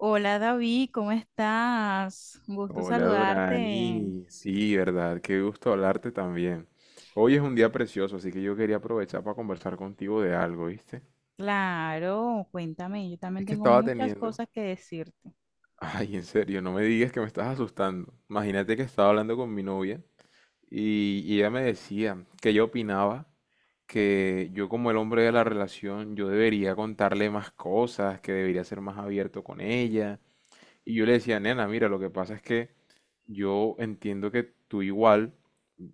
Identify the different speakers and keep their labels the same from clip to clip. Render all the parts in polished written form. Speaker 1: Hola David, ¿cómo estás? Un gusto
Speaker 2: Hola
Speaker 1: saludarte.
Speaker 2: Dorani, sí, verdad, qué gusto hablarte también. Hoy es un día precioso, así que yo quería aprovechar para conversar contigo de algo, ¿viste?
Speaker 1: Claro, cuéntame, yo también
Speaker 2: Es que
Speaker 1: tengo
Speaker 2: estaba
Speaker 1: muchas
Speaker 2: teniendo...
Speaker 1: cosas que decirte,
Speaker 2: Ay, en serio, no me digas que me estás asustando. Imagínate que estaba hablando con mi novia y ella me decía que ella opinaba que yo, como el hombre de la relación, yo debería contarle más cosas, que debería ser más abierto con ella. Y yo le decía, nena, mira, lo que pasa es que yo entiendo que tú igual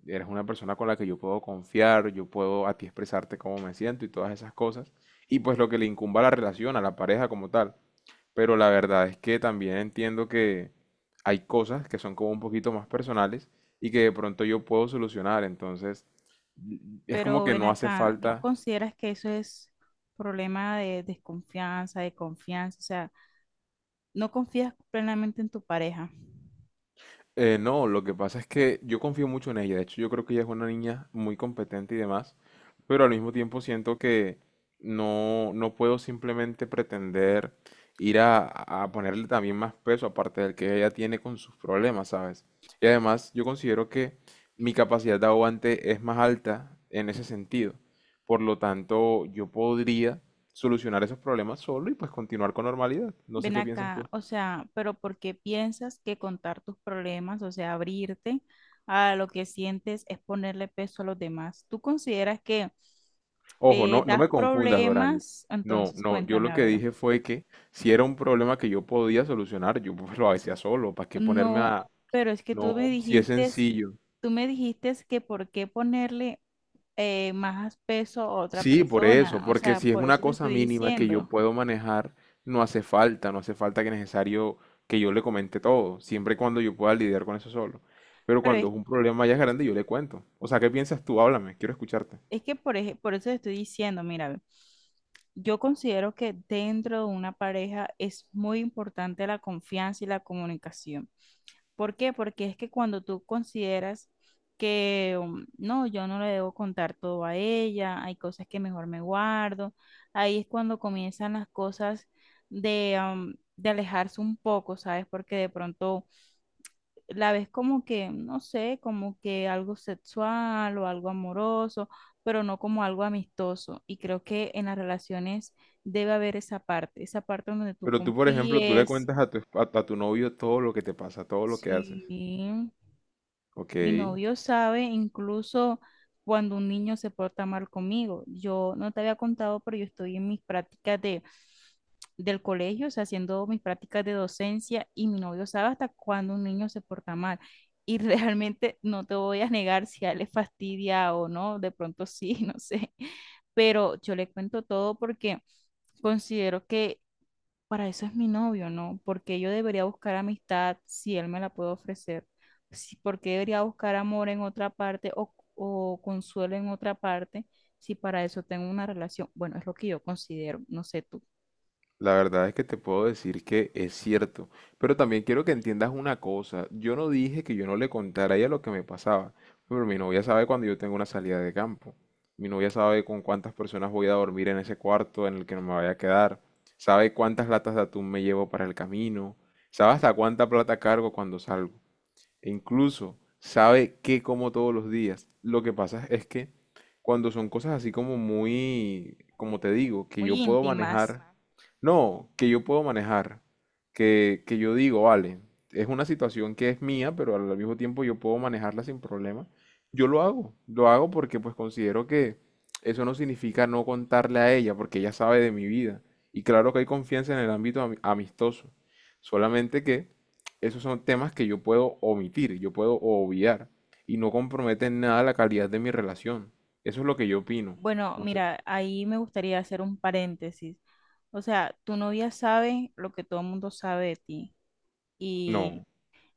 Speaker 2: eres una persona con la que yo puedo confiar, yo puedo a ti expresarte cómo me siento y todas esas cosas. Y pues lo que le incumba a la relación, a la pareja como tal. Pero la verdad es que también entiendo que hay cosas que son como un poquito más personales y que de pronto yo puedo solucionar. Entonces, es como
Speaker 1: pero
Speaker 2: que
Speaker 1: ven
Speaker 2: no hace
Speaker 1: acá, ¿no
Speaker 2: falta.
Speaker 1: consideras que eso es problema de desconfianza, de confianza? O sea, ¿no confías plenamente en tu pareja?
Speaker 2: No, lo que pasa es que yo confío mucho en ella. De hecho, yo creo que ella es una niña muy competente y demás, pero al mismo tiempo siento que no puedo simplemente pretender ir a ponerle también más peso aparte del que ella tiene con sus problemas, ¿sabes? Y además, yo considero que mi capacidad de aguante es más alta en ese sentido. Por lo tanto, yo podría solucionar esos problemas solo y pues continuar con normalidad. No sé
Speaker 1: Ven
Speaker 2: qué piensas
Speaker 1: acá,
Speaker 2: tú.
Speaker 1: o sea, pero ¿por qué piensas que contar tus problemas, o sea, abrirte a lo que sientes es ponerle peso a los demás? ¿Tú consideras que
Speaker 2: Ojo, no, no
Speaker 1: das
Speaker 2: me confundas, Doranis.
Speaker 1: problemas?
Speaker 2: No,
Speaker 1: Entonces,
Speaker 2: no, yo
Speaker 1: cuéntame,
Speaker 2: lo
Speaker 1: a
Speaker 2: que
Speaker 1: ver.
Speaker 2: dije fue que si era un problema que yo podía solucionar, yo pues lo hacía solo, ¿para qué ponerme
Speaker 1: No,
Speaker 2: a...?
Speaker 1: pero es que tú me
Speaker 2: No, si es
Speaker 1: dijiste,
Speaker 2: sencillo.
Speaker 1: tú me dijiste que por qué ponerle más peso a otra
Speaker 2: Sí, por eso,
Speaker 1: persona, o
Speaker 2: porque
Speaker 1: sea,
Speaker 2: si es
Speaker 1: por
Speaker 2: una
Speaker 1: eso te
Speaker 2: cosa
Speaker 1: estoy
Speaker 2: mínima que yo
Speaker 1: diciendo.
Speaker 2: puedo manejar, no hace falta, no hace falta que necesario que yo le comente todo, siempre y cuando yo pueda lidiar con eso solo. Pero
Speaker 1: Pero
Speaker 2: cuando
Speaker 1: es
Speaker 2: es un problema ya grande, yo le cuento. O sea, ¿qué piensas tú? Háblame, quiero escucharte.
Speaker 1: Es que por eso te estoy diciendo, mira, ve, yo considero que dentro de una pareja es muy importante la confianza y la comunicación. ¿Por qué? Porque es que cuando tú consideras que no, yo no le debo contar todo a ella, hay cosas que mejor me guardo. Ahí es cuando comienzan las cosas de alejarse un poco, ¿sabes? Porque de pronto la ves como que, no sé, como que algo sexual o algo amoroso, pero no como algo amistoso. Y creo que en las relaciones debe haber esa parte donde tú
Speaker 2: Pero tú, por ejemplo, tú le
Speaker 1: confíes.
Speaker 2: cuentas a a tu novio todo lo que te pasa, todo lo que
Speaker 1: Sí.
Speaker 2: haces. Ok.
Speaker 1: Mi novio sabe incluso cuando un niño se porta mal conmigo. Yo no te había contado, pero yo estoy en mis prácticas del colegio, o sea, haciendo mis prácticas de docencia, y mi novio sabe hasta cuando un niño se porta mal. Y realmente no te voy a negar si a él le fastidia o no, de pronto sí, no sé. Pero yo le cuento todo porque considero que para eso es mi novio, ¿no? Porque yo debería buscar amistad si él me la puede ofrecer. Si, ¿por qué debería buscar amor en otra parte o consuelo en otra parte si para eso tengo una relación? Bueno, es lo que yo considero, no sé tú,
Speaker 2: La verdad es que te puedo decir que es cierto, pero también quiero que entiendas una cosa. Yo no dije que yo no le contara a ella lo que me pasaba, pero mi novia sabe cuando yo tengo una salida de campo. Mi novia sabe con cuántas personas voy a dormir en ese cuarto en el que no me vaya a quedar. Sabe cuántas latas de atún me llevo para el camino. Sabe hasta cuánta plata cargo cuando salgo. E incluso sabe qué como todos los días. Lo que pasa es que cuando son cosas así como muy, como te digo, que
Speaker 1: muy
Speaker 2: yo puedo
Speaker 1: íntimas.
Speaker 2: manejar, no, que yo puedo manejar, que yo digo, vale, es una situación que es mía, pero al mismo tiempo yo puedo manejarla sin problema, yo lo hago porque pues considero que eso no significa no contarle a ella, porque ella sabe de mi vida. Y claro que hay confianza en el ámbito amistoso, solamente que esos son temas que yo puedo omitir, yo puedo obviar y no comprometen en nada la calidad de mi relación. Eso es lo que yo opino.
Speaker 1: Bueno,
Speaker 2: No sé.
Speaker 1: mira, ahí me gustaría hacer un paréntesis. O sea, tu novia sabe lo que todo el mundo sabe de ti. Y,
Speaker 2: No,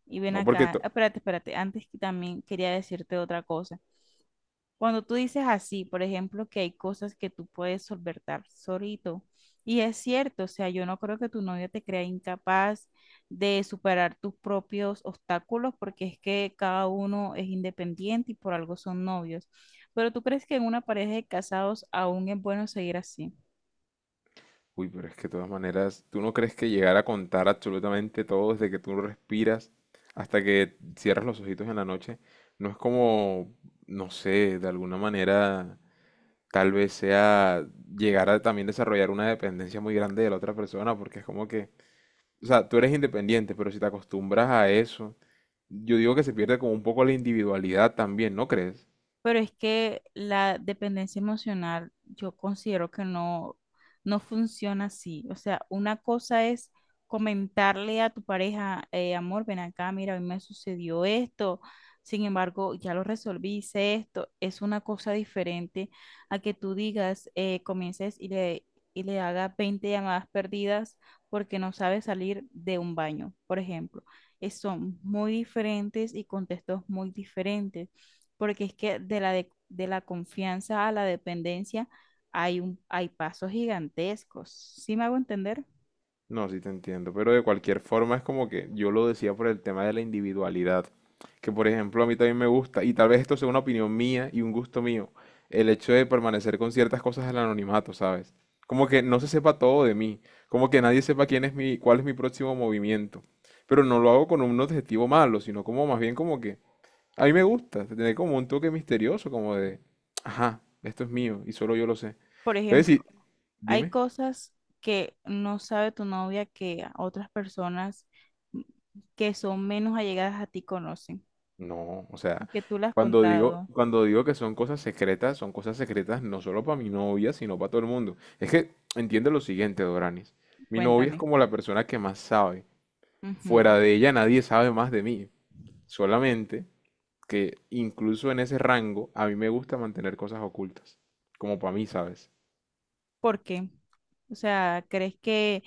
Speaker 1: y ven
Speaker 2: no porque...
Speaker 1: acá,
Speaker 2: to-
Speaker 1: espérate, antes que también quería decirte otra cosa. Cuando tú dices así, por ejemplo, que hay cosas que tú puedes solventar solito, y es cierto, o sea, yo no creo que tu novia te crea incapaz de superar tus propios obstáculos, porque es que cada uno es independiente y por algo son novios. Pero ¿tú crees que en una pareja de casados aún es bueno seguir así?
Speaker 2: Uy, pero es que de todas maneras, ¿tú no crees que llegar a contar absolutamente todo desde que tú respiras hasta que cierras los ojitos en la noche no es como, no sé, de alguna manera tal vez sea llegar a también desarrollar una dependencia muy grande de la otra persona porque es como que... O sea, tú eres independiente, pero si te acostumbras a eso, yo digo que se pierde como un poco la individualidad también, ¿no crees?
Speaker 1: Pero es que la dependencia emocional yo considero que no, no funciona así. O sea, una cosa es comentarle a tu pareja: amor, ven acá, mira, a mí me sucedió esto, sin embargo, ya lo resolví, hice esto". Es una cosa diferente a que tú digas, comiences y le hagas 20 llamadas perdidas porque no sabe salir de un baño, por ejemplo. Son muy diferentes y contextos muy diferentes, porque es que de la confianza a la dependencia hay pasos gigantescos. ¿Sí me hago entender?
Speaker 2: No, sí te entiendo, pero de cualquier forma es como que yo lo decía por el tema de la individualidad, que por ejemplo a mí también me gusta, y tal vez esto sea una opinión mía y un gusto mío, el hecho de permanecer con ciertas cosas del anonimato, ¿sabes? Como que no se sepa todo de mí, como que nadie sepa quién es mi, cuál es mi próximo movimiento, pero no lo hago con un objetivo malo, sino como más bien como que a mí me gusta, tiene como un toque misterioso, como de, ajá, esto es mío y solo yo lo sé.
Speaker 1: Por
Speaker 2: Entonces,
Speaker 1: ejemplo,
Speaker 2: si,
Speaker 1: hay
Speaker 2: dime,
Speaker 1: cosas que no sabe tu novia que otras personas que son menos allegadas a ti conocen
Speaker 2: no, o
Speaker 1: y
Speaker 2: sea,
Speaker 1: que tú las has contado.
Speaker 2: cuando digo que son cosas secretas no solo para mi novia, sino para todo el mundo. Es que entiende lo siguiente, Doranis. Mi novia es
Speaker 1: Cuéntame.
Speaker 2: como la persona que más sabe.
Speaker 1: Ujú.
Speaker 2: Fuera de ella nadie sabe más de mí. Solamente que incluso en ese rango a mí me gusta mantener cosas ocultas. Como para mí, ¿sabes?
Speaker 1: ¿Por qué? O sea, ¿crees que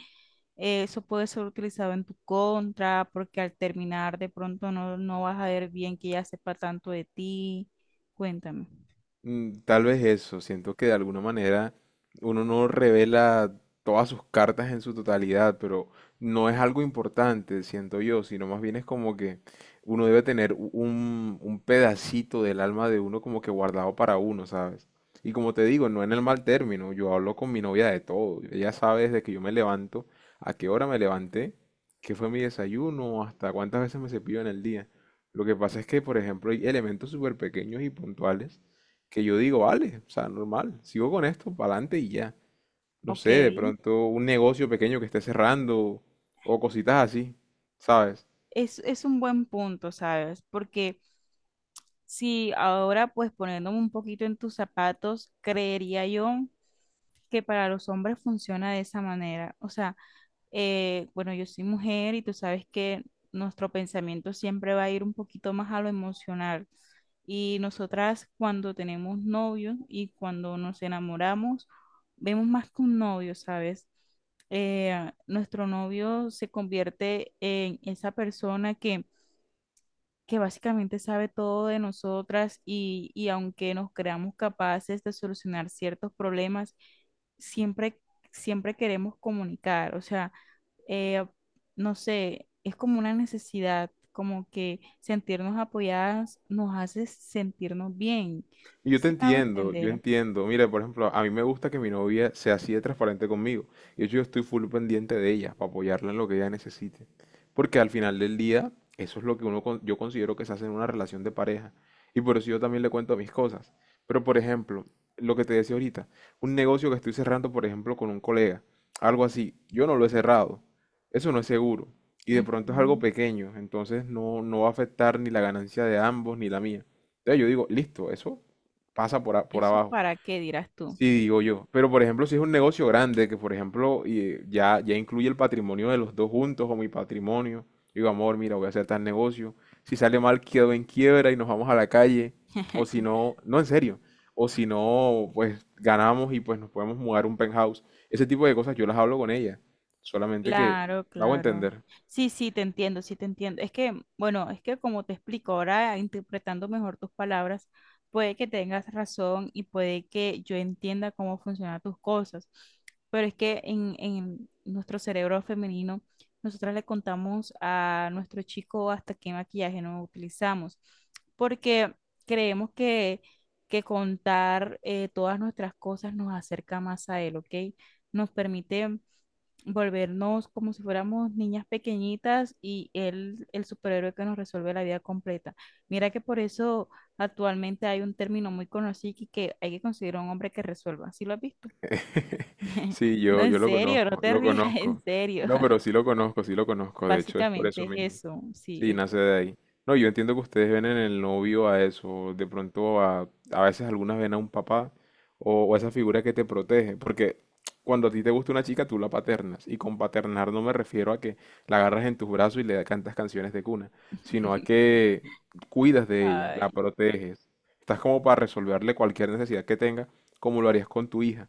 Speaker 1: eso puede ser utilizado en tu contra? Porque al terminar de pronto no, no vas a ver bien que ya sepa tanto de ti. Cuéntame.
Speaker 2: Tal vez eso, siento que de alguna manera uno no revela todas sus cartas en su totalidad, pero no es algo importante, siento yo, sino más bien es como que uno debe tener un pedacito del alma de uno como que guardado para uno, ¿sabes? Y como te digo, no en el mal término, yo hablo con mi novia de todo. Ella sabe desde que yo me levanto, a qué hora me levanté, qué fue mi desayuno, hasta cuántas veces me cepillo en el día. Lo que pasa es que, por ejemplo, hay elementos súper pequeños y puntuales que yo digo, vale, o sea, normal, sigo con esto, para adelante y ya. No
Speaker 1: Ok,
Speaker 2: sé, de pronto un negocio pequeño que esté cerrando o cositas así, ¿sabes?
Speaker 1: es un buen punto, ¿sabes? Porque si ahora, pues poniéndome un poquito en tus zapatos, creería yo que para los hombres funciona de esa manera. O sea, bueno, yo soy mujer y tú sabes que nuestro pensamiento siempre va a ir un poquito más a lo emocional. Y nosotras cuando tenemos novios y cuando nos enamoramos, vemos más que un novio, ¿sabes? Nuestro novio se convierte en esa persona que básicamente sabe todo de nosotras, y aunque nos creamos capaces de solucionar ciertos problemas, siempre, siempre queremos comunicar, o sea, eh, no sé, es como una necesidad, como que sentirnos apoyadas nos hace sentirnos bien,
Speaker 2: Yo te
Speaker 1: si me hago
Speaker 2: entiendo, yo
Speaker 1: entender.
Speaker 2: entiendo. Mira, por ejemplo, a mí me gusta que mi novia sea así de transparente conmigo. Y de hecho, yo estoy full pendiente de ella para apoyarla en lo que ella necesite. Porque al final del día, eso es lo que uno, yo considero que se hace en una relación de pareja. Y por eso yo también le cuento mis cosas. Pero, por ejemplo, lo que te decía ahorita, un negocio que estoy cerrando, por ejemplo, con un colega, algo así, yo no lo he cerrado. Eso no es seguro. Y de pronto es algo
Speaker 1: Ujú.
Speaker 2: pequeño, entonces no, no va a afectar ni la ganancia de ambos ni la mía. Entonces yo digo, listo, eso pasa por, por
Speaker 1: ¿Eso
Speaker 2: abajo.
Speaker 1: para qué dirás tú?
Speaker 2: Sí, digo yo. Pero por ejemplo, si es un negocio grande, que por ejemplo ya incluye el patrimonio de los dos juntos o mi patrimonio, digo, amor, mira, voy a hacer tal negocio. Si sale mal, quedo en quiebra y nos vamos a la calle. O si no, no en serio. O si no, pues ganamos y pues nos podemos mudar a un penthouse. Ese tipo de cosas yo las hablo con ella. Solamente que
Speaker 1: Claro,
Speaker 2: me hago
Speaker 1: claro.
Speaker 2: entender.
Speaker 1: Sí, sí, te entiendo, sí, te entiendo. Es que, bueno, es que como te explico ahora, interpretando mejor tus palabras, puede que tengas razón y puede que yo entienda cómo funcionan tus cosas, pero es que en nuestro cerebro femenino, nosotras le contamos a nuestro chico hasta qué maquillaje no utilizamos, porque creemos que, que contar todas nuestras cosas nos acerca más a él, ¿ok? Nos permite volvernos como si fuéramos niñas pequeñitas y él, el superhéroe que nos resuelve la vida completa. Mira que por eso actualmente hay un término muy conocido que hay que considerar: un hombre que resuelva. ¿Sí lo has visto?
Speaker 2: Sí,
Speaker 1: No,
Speaker 2: yo,
Speaker 1: en
Speaker 2: yo lo
Speaker 1: serio, no
Speaker 2: conozco,
Speaker 1: te
Speaker 2: lo
Speaker 1: rías, en
Speaker 2: conozco.
Speaker 1: serio.
Speaker 2: No, pero sí lo conozco, sí lo conozco. De hecho, es por
Speaker 1: Básicamente
Speaker 2: eso
Speaker 1: es
Speaker 2: mismo.
Speaker 1: eso,
Speaker 2: Sí,
Speaker 1: sí.
Speaker 2: nace de ahí. No, yo entiendo que ustedes ven en el novio a eso, de pronto a veces algunas ven a un papá o a esa figura que te protege, porque cuando a ti te gusta una chica tú la paternas, y con paternar no me refiero a que la agarras en tus brazos y le cantas canciones de cuna, sino a que cuidas de ella, la
Speaker 1: Ay.
Speaker 2: proteges, estás como para resolverle cualquier necesidad que tenga, como lo harías con tu hija.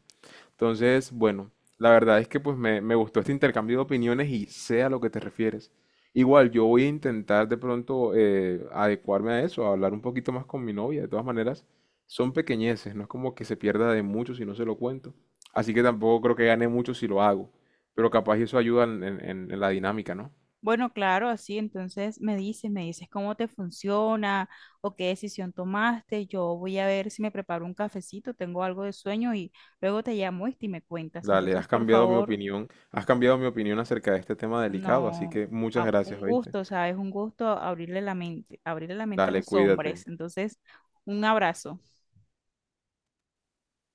Speaker 2: Entonces, bueno, la verdad es que pues me gustó este intercambio de opiniones y sé a lo que te refieres. Igual, yo voy a intentar de pronto adecuarme a eso, a hablar un poquito más con mi novia. De todas maneras, son pequeñeces, no es como que se pierda de mucho si no se lo cuento. Así que tampoco creo que gane mucho si lo hago. Pero capaz eso ayuda en, en la dinámica, ¿no?
Speaker 1: Bueno, claro, así entonces me dices cómo te funciona o qué decisión tomaste. Yo voy a ver si me preparo un cafecito, tengo algo de sueño y luego te llamo, y me cuentas.
Speaker 2: Dale,
Speaker 1: Entonces,
Speaker 2: has
Speaker 1: por
Speaker 2: cambiado mi
Speaker 1: favor,
Speaker 2: opinión, has cambiado mi opinión acerca de este tema delicado, así
Speaker 1: no,
Speaker 2: que muchas gracias,
Speaker 1: un
Speaker 2: ¿oíste?
Speaker 1: gusto, ¿sabes? Un gusto abrirle la mente a
Speaker 2: Dale,
Speaker 1: los
Speaker 2: cuídate.
Speaker 1: hombres. Entonces, un abrazo.